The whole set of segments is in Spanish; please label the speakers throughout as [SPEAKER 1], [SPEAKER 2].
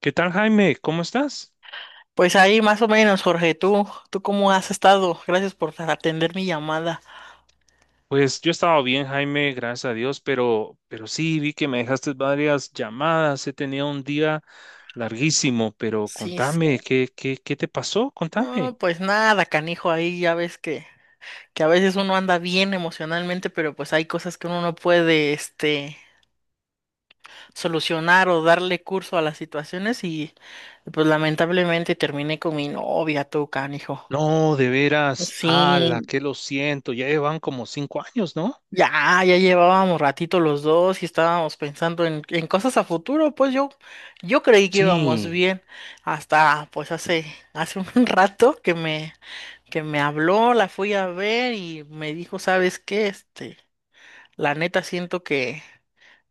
[SPEAKER 1] ¿Qué tal, Jaime? ¿Cómo estás?
[SPEAKER 2] Pues ahí más o menos, Jorge, ¿tú cómo has estado? Gracias por atender mi llamada.
[SPEAKER 1] Pues yo estaba bien, Jaime, gracias a Dios, pero sí vi que me dejaste varias llamadas. He tenido un día larguísimo, pero
[SPEAKER 2] Sí,
[SPEAKER 1] contame,
[SPEAKER 2] sí.
[SPEAKER 1] ¿qué te pasó?
[SPEAKER 2] No,
[SPEAKER 1] Contame.
[SPEAKER 2] pues nada, canijo, ahí ya ves que a veces uno anda bien emocionalmente, pero pues hay cosas que uno no puede, solucionar o darle curso a las situaciones y pues lamentablemente terminé con mi novia, tú, canijo.
[SPEAKER 1] No, de veras, ala,
[SPEAKER 2] Sí,
[SPEAKER 1] que lo siento, ya llevan como 5 años, ¿no?
[SPEAKER 2] Ya llevábamos ratito los dos y estábamos pensando en cosas a futuro, pues yo creí que íbamos
[SPEAKER 1] Sí,
[SPEAKER 2] bien hasta hace un rato que me habló, la fui a ver y me dijo, ¿sabes qué? La neta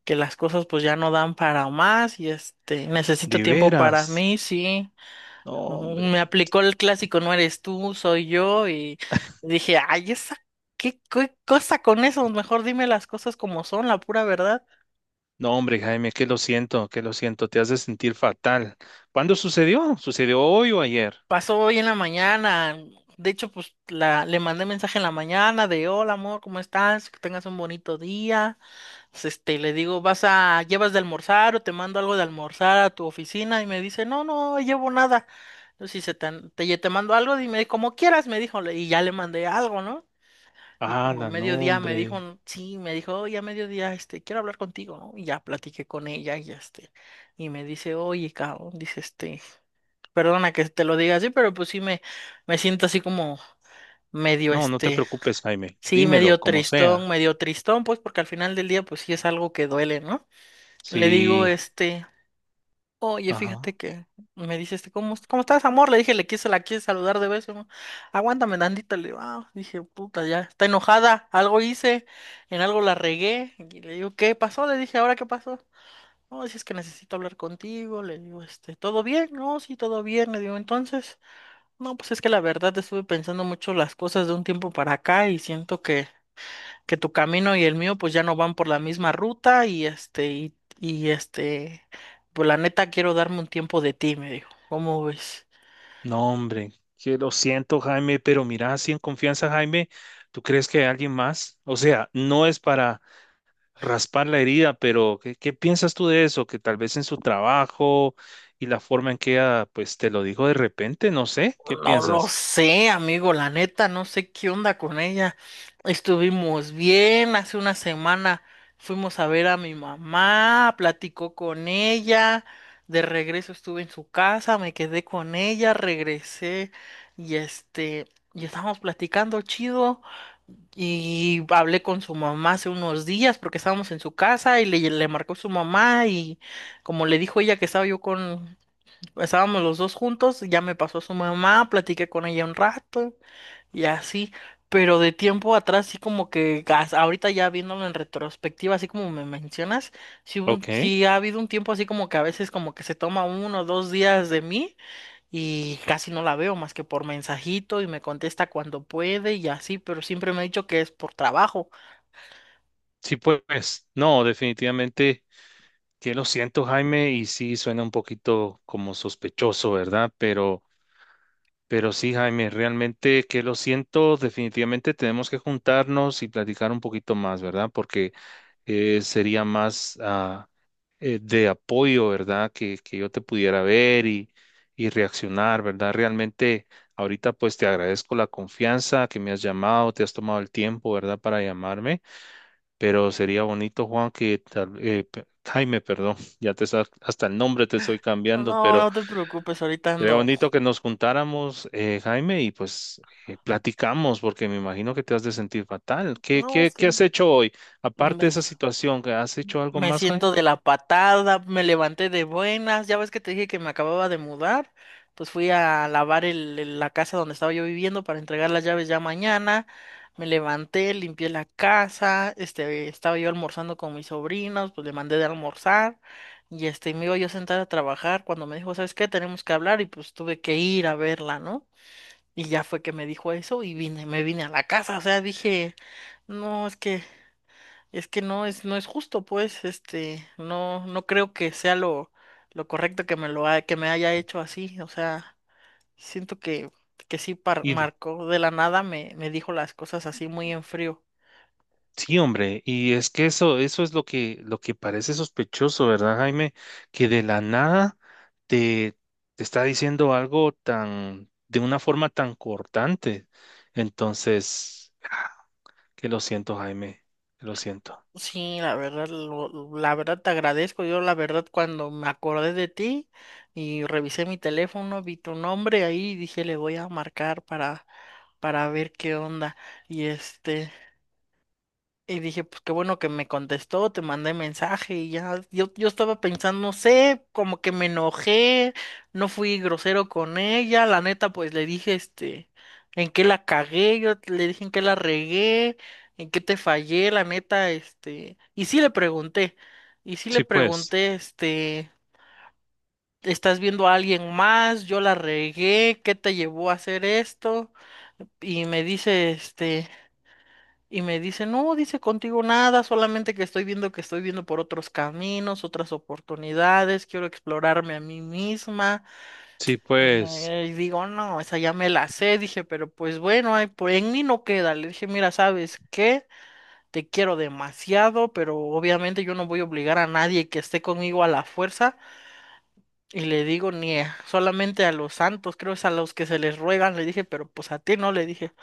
[SPEAKER 2] que las cosas pues ya no dan para más y necesito
[SPEAKER 1] de
[SPEAKER 2] tiempo para
[SPEAKER 1] veras.
[SPEAKER 2] mí, sí.
[SPEAKER 1] No,
[SPEAKER 2] Ujú.
[SPEAKER 1] hombre.
[SPEAKER 2] Me aplicó el clásico, no eres tú, soy yo, y dije, ay, esa, ¿qué cosa con eso? Mejor dime las cosas como son, la pura verdad.
[SPEAKER 1] No, hombre, Jaime, que lo siento, te hace sentir fatal. ¿Cuándo sucedió? ¿Sucedió hoy o ayer?
[SPEAKER 2] Pasó hoy en la mañana, de hecho, pues le mandé mensaje en la mañana de, hola amor, ¿cómo estás? Que tengas un bonito día. Pues, le digo, llevas de almorzar o te mando algo de almorzar a tu oficina? Y me dice, no, no, llevo nada. Entonces, si se te, te, te mando algo, dime como quieras, me dijo, y ya le mandé algo, ¿no? Y como a
[SPEAKER 1] Ala, no,
[SPEAKER 2] mediodía me
[SPEAKER 1] hombre.
[SPEAKER 2] dijo, sí, me dijo, oye, a mediodía, quiero hablar contigo, ¿no? Y ya platiqué con ella y y me dice, oye, cabrón, dice, perdona que te lo diga así, pero pues sí me siento así como medio,
[SPEAKER 1] No, no te preocupes, Jaime.
[SPEAKER 2] sí,
[SPEAKER 1] Dímelo, como sea.
[SPEAKER 2] medio tristón, pues porque al final del día, pues sí es algo que duele, ¿no? Le digo,
[SPEAKER 1] Sí,
[SPEAKER 2] oye, fíjate
[SPEAKER 1] ajá.
[SPEAKER 2] que me dice ¿cómo estás, amor? Le dije, la quise saludar de beso, ¿no? Aguántame tantito. Le digo, ah, dije, puta, ya está enojada, algo hice, en algo la regué. Y le digo, ¿qué pasó? Le dije, ¿ahora qué pasó? No, si es que necesito hablar contigo. Le digo, ¿todo bien? No, sí, todo bien. Le digo, entonces, no, pues es que la verdad estuve pensando mucho las cosas de un tiempo para acá y siento que tu camino y el mío pues ya no van por la misma ruta y pues la neta quiero darme un tiempo de ti, me dijo. ¿Cómo ves?
[SPEAKER 1] No, hombre, que lo siento, Jaime, pero mira, así en confianza, Jaime, ¿tú crees que hay alguien más? O sea, no es para raspar la herida, pero ¿qué, qué piensas tú de eso? Que tal vez en su trabajo y la forma en que ella, pues, te lo dijo de repente, no sé, ¿qué
[SPEAKER 2] No lo
[SPEAKER 1] piensas?
[SPEAKER 2] sé, amigo, la neta, no sé qué onda con ella. Estuvimos bien, hace una semana fuimos a ver a mi mamá, platicó con ella, de regreso estuve en su casa, me quedé con ella, regresé y y estábamos platicando chido. Y hablé con su mamá hace unos días porque estábamos en su casa y le marcó su mamá y como le dijo ella que estábamos los dos juntos, ya me pasó su mamá, platiqué con ella un rato y así, pero de tiempo atrás sí como que ahorita ya viéndolo en retrospectiva, así como me mencionas, sí,
[SPEAKER 1] Ok,
[SPEAKER 2] sí ha habido un tiempo así como que a veces como que se toma uno o dos días de mí y casi no la veo más que por mensajito y me contesta cuando puede y así, pero siempre me ha dicho que es por trabajo.
[SPEAKER 1] sí, pues, no, definitivamente que lo siento, Jaime, y sí suena un poquito como sospechoso, ¿verdad? Pero sí, Jaime, realmente que lo siento, definitivamente tenemos que juntarnos y platicar un poquito más, ¿verdad? Porque sería más de apoyo, ¿verdad? Que yo te pudiera ver y reaccionar, ¿verdad? Realmente ahorita pues te agradezco la confianza que me has llamado, te has tomado el tiempo, ¿verdad? Para llamarme, pero sería bonito, Juan, que tal- pe- Jaime, perdón, ya te sa- hasta el nombre te estoy cambiando,
[SPEAKER 2] No,
[SPEAKER 1] pero
[SPEAKER 2] no te preocupes, ahorita
[SPEAKER 1] sería
[SPEAKER 2] ando.
[SPEAKER 1] bonito que nos juntáramos, Jaime, y pues platicamos, porque me imagino que te has de sentir fatal. ¿Qué,
[SPEAKER 2] No,
[SPEAKER 1] qué, qué has
[SPEAKER 2] sí.
[SPEAKER 1] hecho hoy? Aparte de esa situación, ¿que ¿has hecho algo
[SPEAKER 2] Me
[SPEAKER 1] más,
[SPEAKER 2] siento
[SPEAKER 1] Jaime?
[SPEAKER 2] de la patada, me levanté de buenas, ya ves que te dije que me acababa de mudar, pues fui a lavar la casa donde estaba yo viviendo para entregar las llaves ya mañana, me levanté, limpié la casa, estaba yo almorzando con mis sobrinos, pues le mandé de almorzar y me iba yo a sentar a trabajar cuando me dijo, ¿sabes qué? Tenemos que hablar y pues tuve que ir a verla, ¿no? Y ya fue que me dijo eso y vine, me vine a la casa, o sea, dije, no, es que... Es que no es justo, pues, no, no creo que sea lo correcto que me que me haya hecho así. O sea, siento que, que sí
[SPEAKER 1] Y de-
[SPEAKER 2] marcó de la nada, me dijo las cosas así muy en frío.
[SPEAKER 1] sí, hombre, y es que eso es lo que parece sospechoso, ¿verdad, Jaime? Que de la nada te, te está diciendo algo tan, de una forma tan cortante. Entonces, que lo siento, Jaime, que lo siento.
[SPEAKER 2] Sí, la verdad, la verdad te agradezco. Yo la verdad cuando me acordé de ti y revisé mi teléfono, vi tu nombre ahí y dije le voy a marcar para ver qué onda. Y este y dije, pues qué bueno que me contestó, te mandé mensaje y ya, yo estaba pensando, no sé, como que me enojé, no fui grosero con ella, la neta, pues le dije, en qué la cagué, yo le dije en qué la regué, en qué te fallé, la neta, y sí le
[SPEAKER 1] Sí, pues,
[SPEAKER 2] pregunté, ¿estás viendo a alguien más? Yo la regué, ¿qué te llevó a hacer esto? Y me dice, este... Y me dice, no, dice contigo nada, solamente que estoy viendo por otros caminos, otras oportunidades, quiero explorarme a mí misma.
[SPEAKER 1] sí, pues.
[SPEAKER 2] Y digo, no, esa ya me la sé, dije, pero pues bueno, ay, pues en mí no queda. Le dije, mira, ¿sabes qué? Te quiero demasiado, pero obviamente yo no voy a obligar a nadie que esté conmigo a la fuerza. Y le digo, ni solamente a los santos, creo es a los que se les ruegan, le dije, pero pues a ti no, le dije.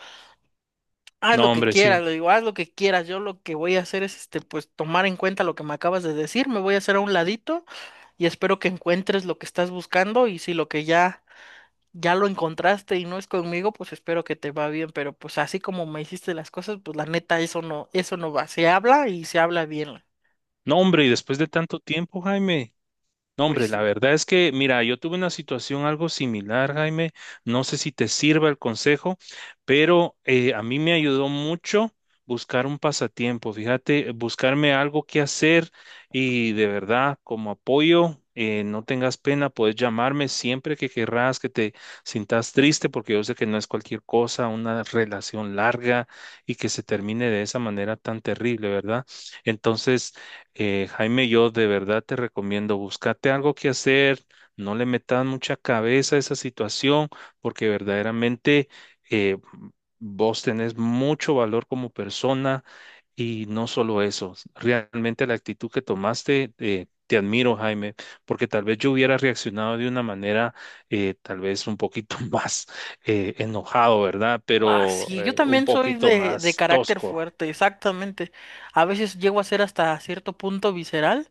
[SPEAKER 2] Haz lo
[SPEAKER 1] No,
[SPEAKER 2] que
[SPEAKER 1] hombre,
[SPEAKER 2] quieras,
[SPEAKER 1] sí.
[SPEAKER 2] le digo, haz lo que quieras. Yo lo que voy a hacer es, pues, tomar en cuenta lo que me acabas de decir. Me voy a hacer a un ladito y espero que encuentres lo que estás buscando. Y si lo ya lo encontraste y no es conmigo, pues espero que te va bien. Pero pues así como me hiciste las cosas, pues la neta, eso no va. Se habla y se habla bien.
[SPEAKER 1] No, hombre, y después de tanto tiempo, Jaime. No,
[SPEAKER 2] Pues
[SPEAKER 1] hombre, la
[SPEAKER 2] sí.
[SPEAKER 1] verdad es que, mira, yo tuve una situación algo similar, Jaime. No sé si te sirva el consejo, pero a mí me ayudó mucho buscar un pasatiempo. Fíjate, buscarme algo que hacer y de verdad, como apoyo, no tengas pena, puedes llamarme siempre que querrás, que te sintas triste, porque yo sé que no es cualquier cosa, una relación larga y que se termine de esa manera tan terrible, ¿verdad? Entonces, Jaime, yo de verdad te recomiendo, búscate algo que hacer, no le metas mucha cabeza a esa situación, porque verdaderamente eh, vos tenés mucho valor como persona y no solo eso, realmente la actitud que tomaste, te admiro, Jaime, porque tal vez yo hubiera reaccionado de una manera tal vez un poquito más enojado, ¿verdad?
[SPEAKER 2] Ah,
[SPEAKER 1] Pero
[SPEAKER 2] sí, yo
[SPEAKER 1] un
[SPEAKER 2] también soy
[SPEAKER 1] poquito
[SPEAKER 2] de
[SPEAKER 1] más
[SPEAKER 2] carácter
[SPEAKER 1] tosco.
[SPEAKER 2] fuerte, exactamente. A veces llego a ser hasta cierto punto visceral.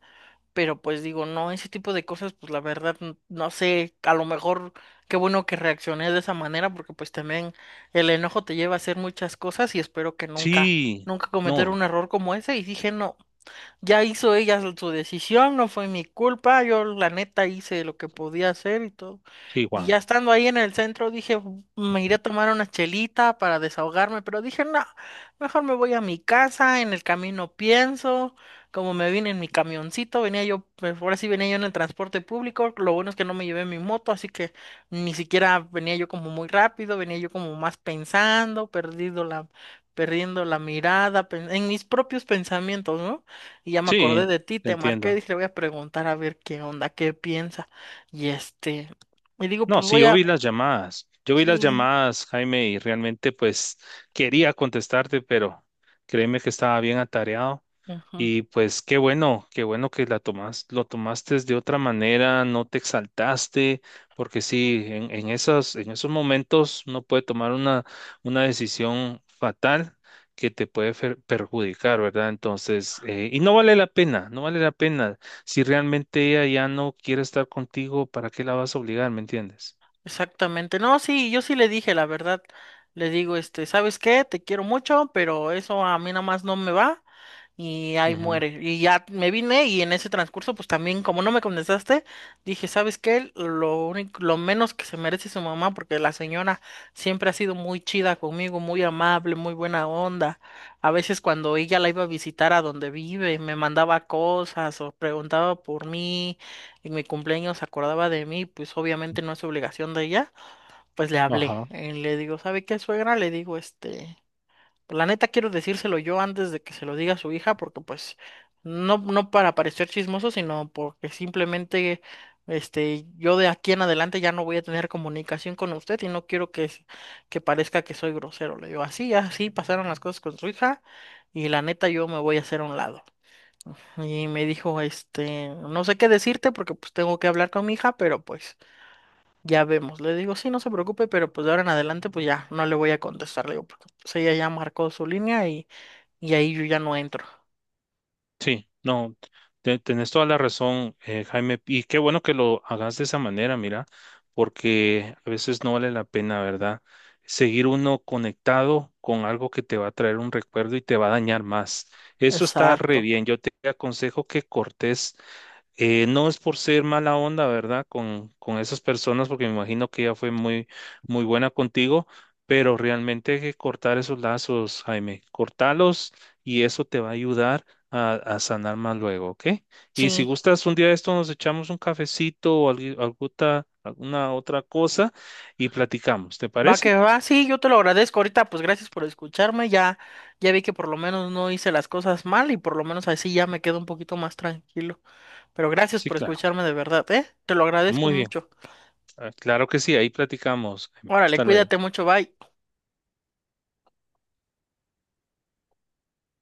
[SPEAKER 2] Pero pues digo, no, ese tipo de cosas, pues la verdad, no sé, a lo mejor qué bueno que reaccioné de esa manera, porque pues también el enojo te lleva a hacer muchas cosas y espero que nunca,
[SPEAKER 1] Sí,
[SPEAKER 2] nunca cometer un
[SPEAKER 1] no,
[SPEAKER 2] error como ese. Y dije, no, ya hizo ella su decisión, no fue mi culpa, yo la neta hice lo que podía hacer y todo.
[SPEAKER 1] sí,
[SPEAKER 2] Y
[SPEAKER 1] Juan.
[SPEAKER 2] ya estando ahí en el centro dije, me iré a tomar una chelita para desahogarme, pero dije, no, mejor me voy a mi casa, en el camino pienso, como me vine en mi camioncito, venía yo, pues, ahora sí venía yo en el transporte público, lo bueno es que no me llevé mi moto, así que ni siquiera venía yo como muy rápido, venía yo como más pensando, perdiendo la mirada, en mis propios pensamientos, no. Y ya me acordé
[SPEAKER 1] Sí,
[SPEAKER 2] de ti,
[SPEAKER 1] te
[SPEAKER 2] te marqué,
[SPEAKER 1] entiendo.
[SPEAKER 2] dije, le voy a preguntar a ver qué onda, qué piensa. Y y digo,
[SPEAKER 1] No, sí, yo vi las llamadas. Yo vi las
[SPEAKER 2] sí,
[SPEAKER 1] llamadas, Jaime, y realmente pues quería contestarte, pero créeme que estaba bien atareado.
[SPEAKER 2] ujú,
[SPEAKER 1] Y pues qué bueno que la tomas, lo tomaste de otra manera, no te exaltaste, porque sí, en esas, en esos momentos uno puede tomar una decisión fatal que te puede fer- perjudicar, ¿verdad? Entonces, y no vale la pena, no vale la pena. Si realmente ella ya no quiere estar contigo, ¿para qué la vas a obligar? ¿Me entiendes?
[SPEAKER 2] exactamente. No, sí, yo sí le dije, la verdad, le digo, ¿sabes qué? Te quiero mucho, pero eso a mí nada más no me va. Y ahí
[SPEAKER 1] Ujú.
[SPEAKER 2] muere. Y ya me vine y en ese transcurso, pues también, como no me contestaste, dije, ¿sabes qué? Lo menos que se merece su mamá, porque la señora siempre ha sido muy chida conmigo, muy amable, muy buena onda. A veces cuando ella la iba a visitar a donde vive, me mandaba cosas o preguntaba por mí, en mi cumpleaños se acordaba de mí, pues obviamente no es obligación de ella, pues le hablé.
[SPEAKER 1] Ajá.
[SPEAKER 2] Y le digo, ¿sabe qué, suegra? Le digo, este pues, la neta quiero decírselo yo antes de que se lo diga a su hija, porque pues no, no para parecer chismoso, sino porque simplemente yo de aquí en adelante ya no voy a tener comunicación con usted y no quiero que parezca que soy grosero. Le digo, así, así pasaron las cosas con su hija y la neta yo me voy a hacer a un lado. Y me dijo, no sé qué decirte porque pues tengo que hablar con mi hija, pero pues ya vemos. Le digo, sí, no se preocupe, pero pues de ahora en adelante pues ya no le voy a contestar. Le digo, porque pues ella ya marcó su línea y... y ahí yo ya no entro.
[SPEAKER 1] Sí, no, te- tenés toda la razón, Jaime, y qué bueno que lo hagas de esa manera, mira, porque a veces no vale la pena, ¿verdad? Seguir uno conectado con algo que te va a traer un recuerdo y te va a dañar más. Eso está re
[SPEAKER 2] Exacto.
[SPEAKER 1] bien. Yo te aconsejo que cortes no es por ser mala onda, ¿verdad? Con esas personas, porque me imagino que ella fue muy, muy buena contigo, pero realmente hay que cortar esos lazos, Jaime. Cortalos y eso te va a ayudar a sanar más luego, ¿ok? Y si
[SPEAKER 2] Sí.
[SPEAKER 1] gustas, un día de esto nos echamos un cafecito o algu- alguta- alguna otra cosa y platicamos, ¿te
[SPEAKER 2] Va que
[SPEAKER 1] parece?
[SPEAKER 2] va, sí, yo te lo agradezco ahorita, pues gracias por escucharme, ya, ya vi que por lo menos no hice las cosas mal y por lo menos así ya me quedo un poquito más tranquilo. Pero gracias
[SPEAKER 1] Sí,
[SPEAKER 2] por
[SPEAKER 1] claro.
[SPEAKER 2] escucharme de verdad, ¿eh? Te lo agradezco
[SPEAKER 1] Muy bien.
[SPEAKER 2] mucho.
[SPEAKER 1] Ah, claro que sí, ahí platicamos. Jaime.
[SPEAKER 2] Órale,
[SPEAKER 1] Hasta luego.
[SPEAKER 2] cuídate mucho, bye.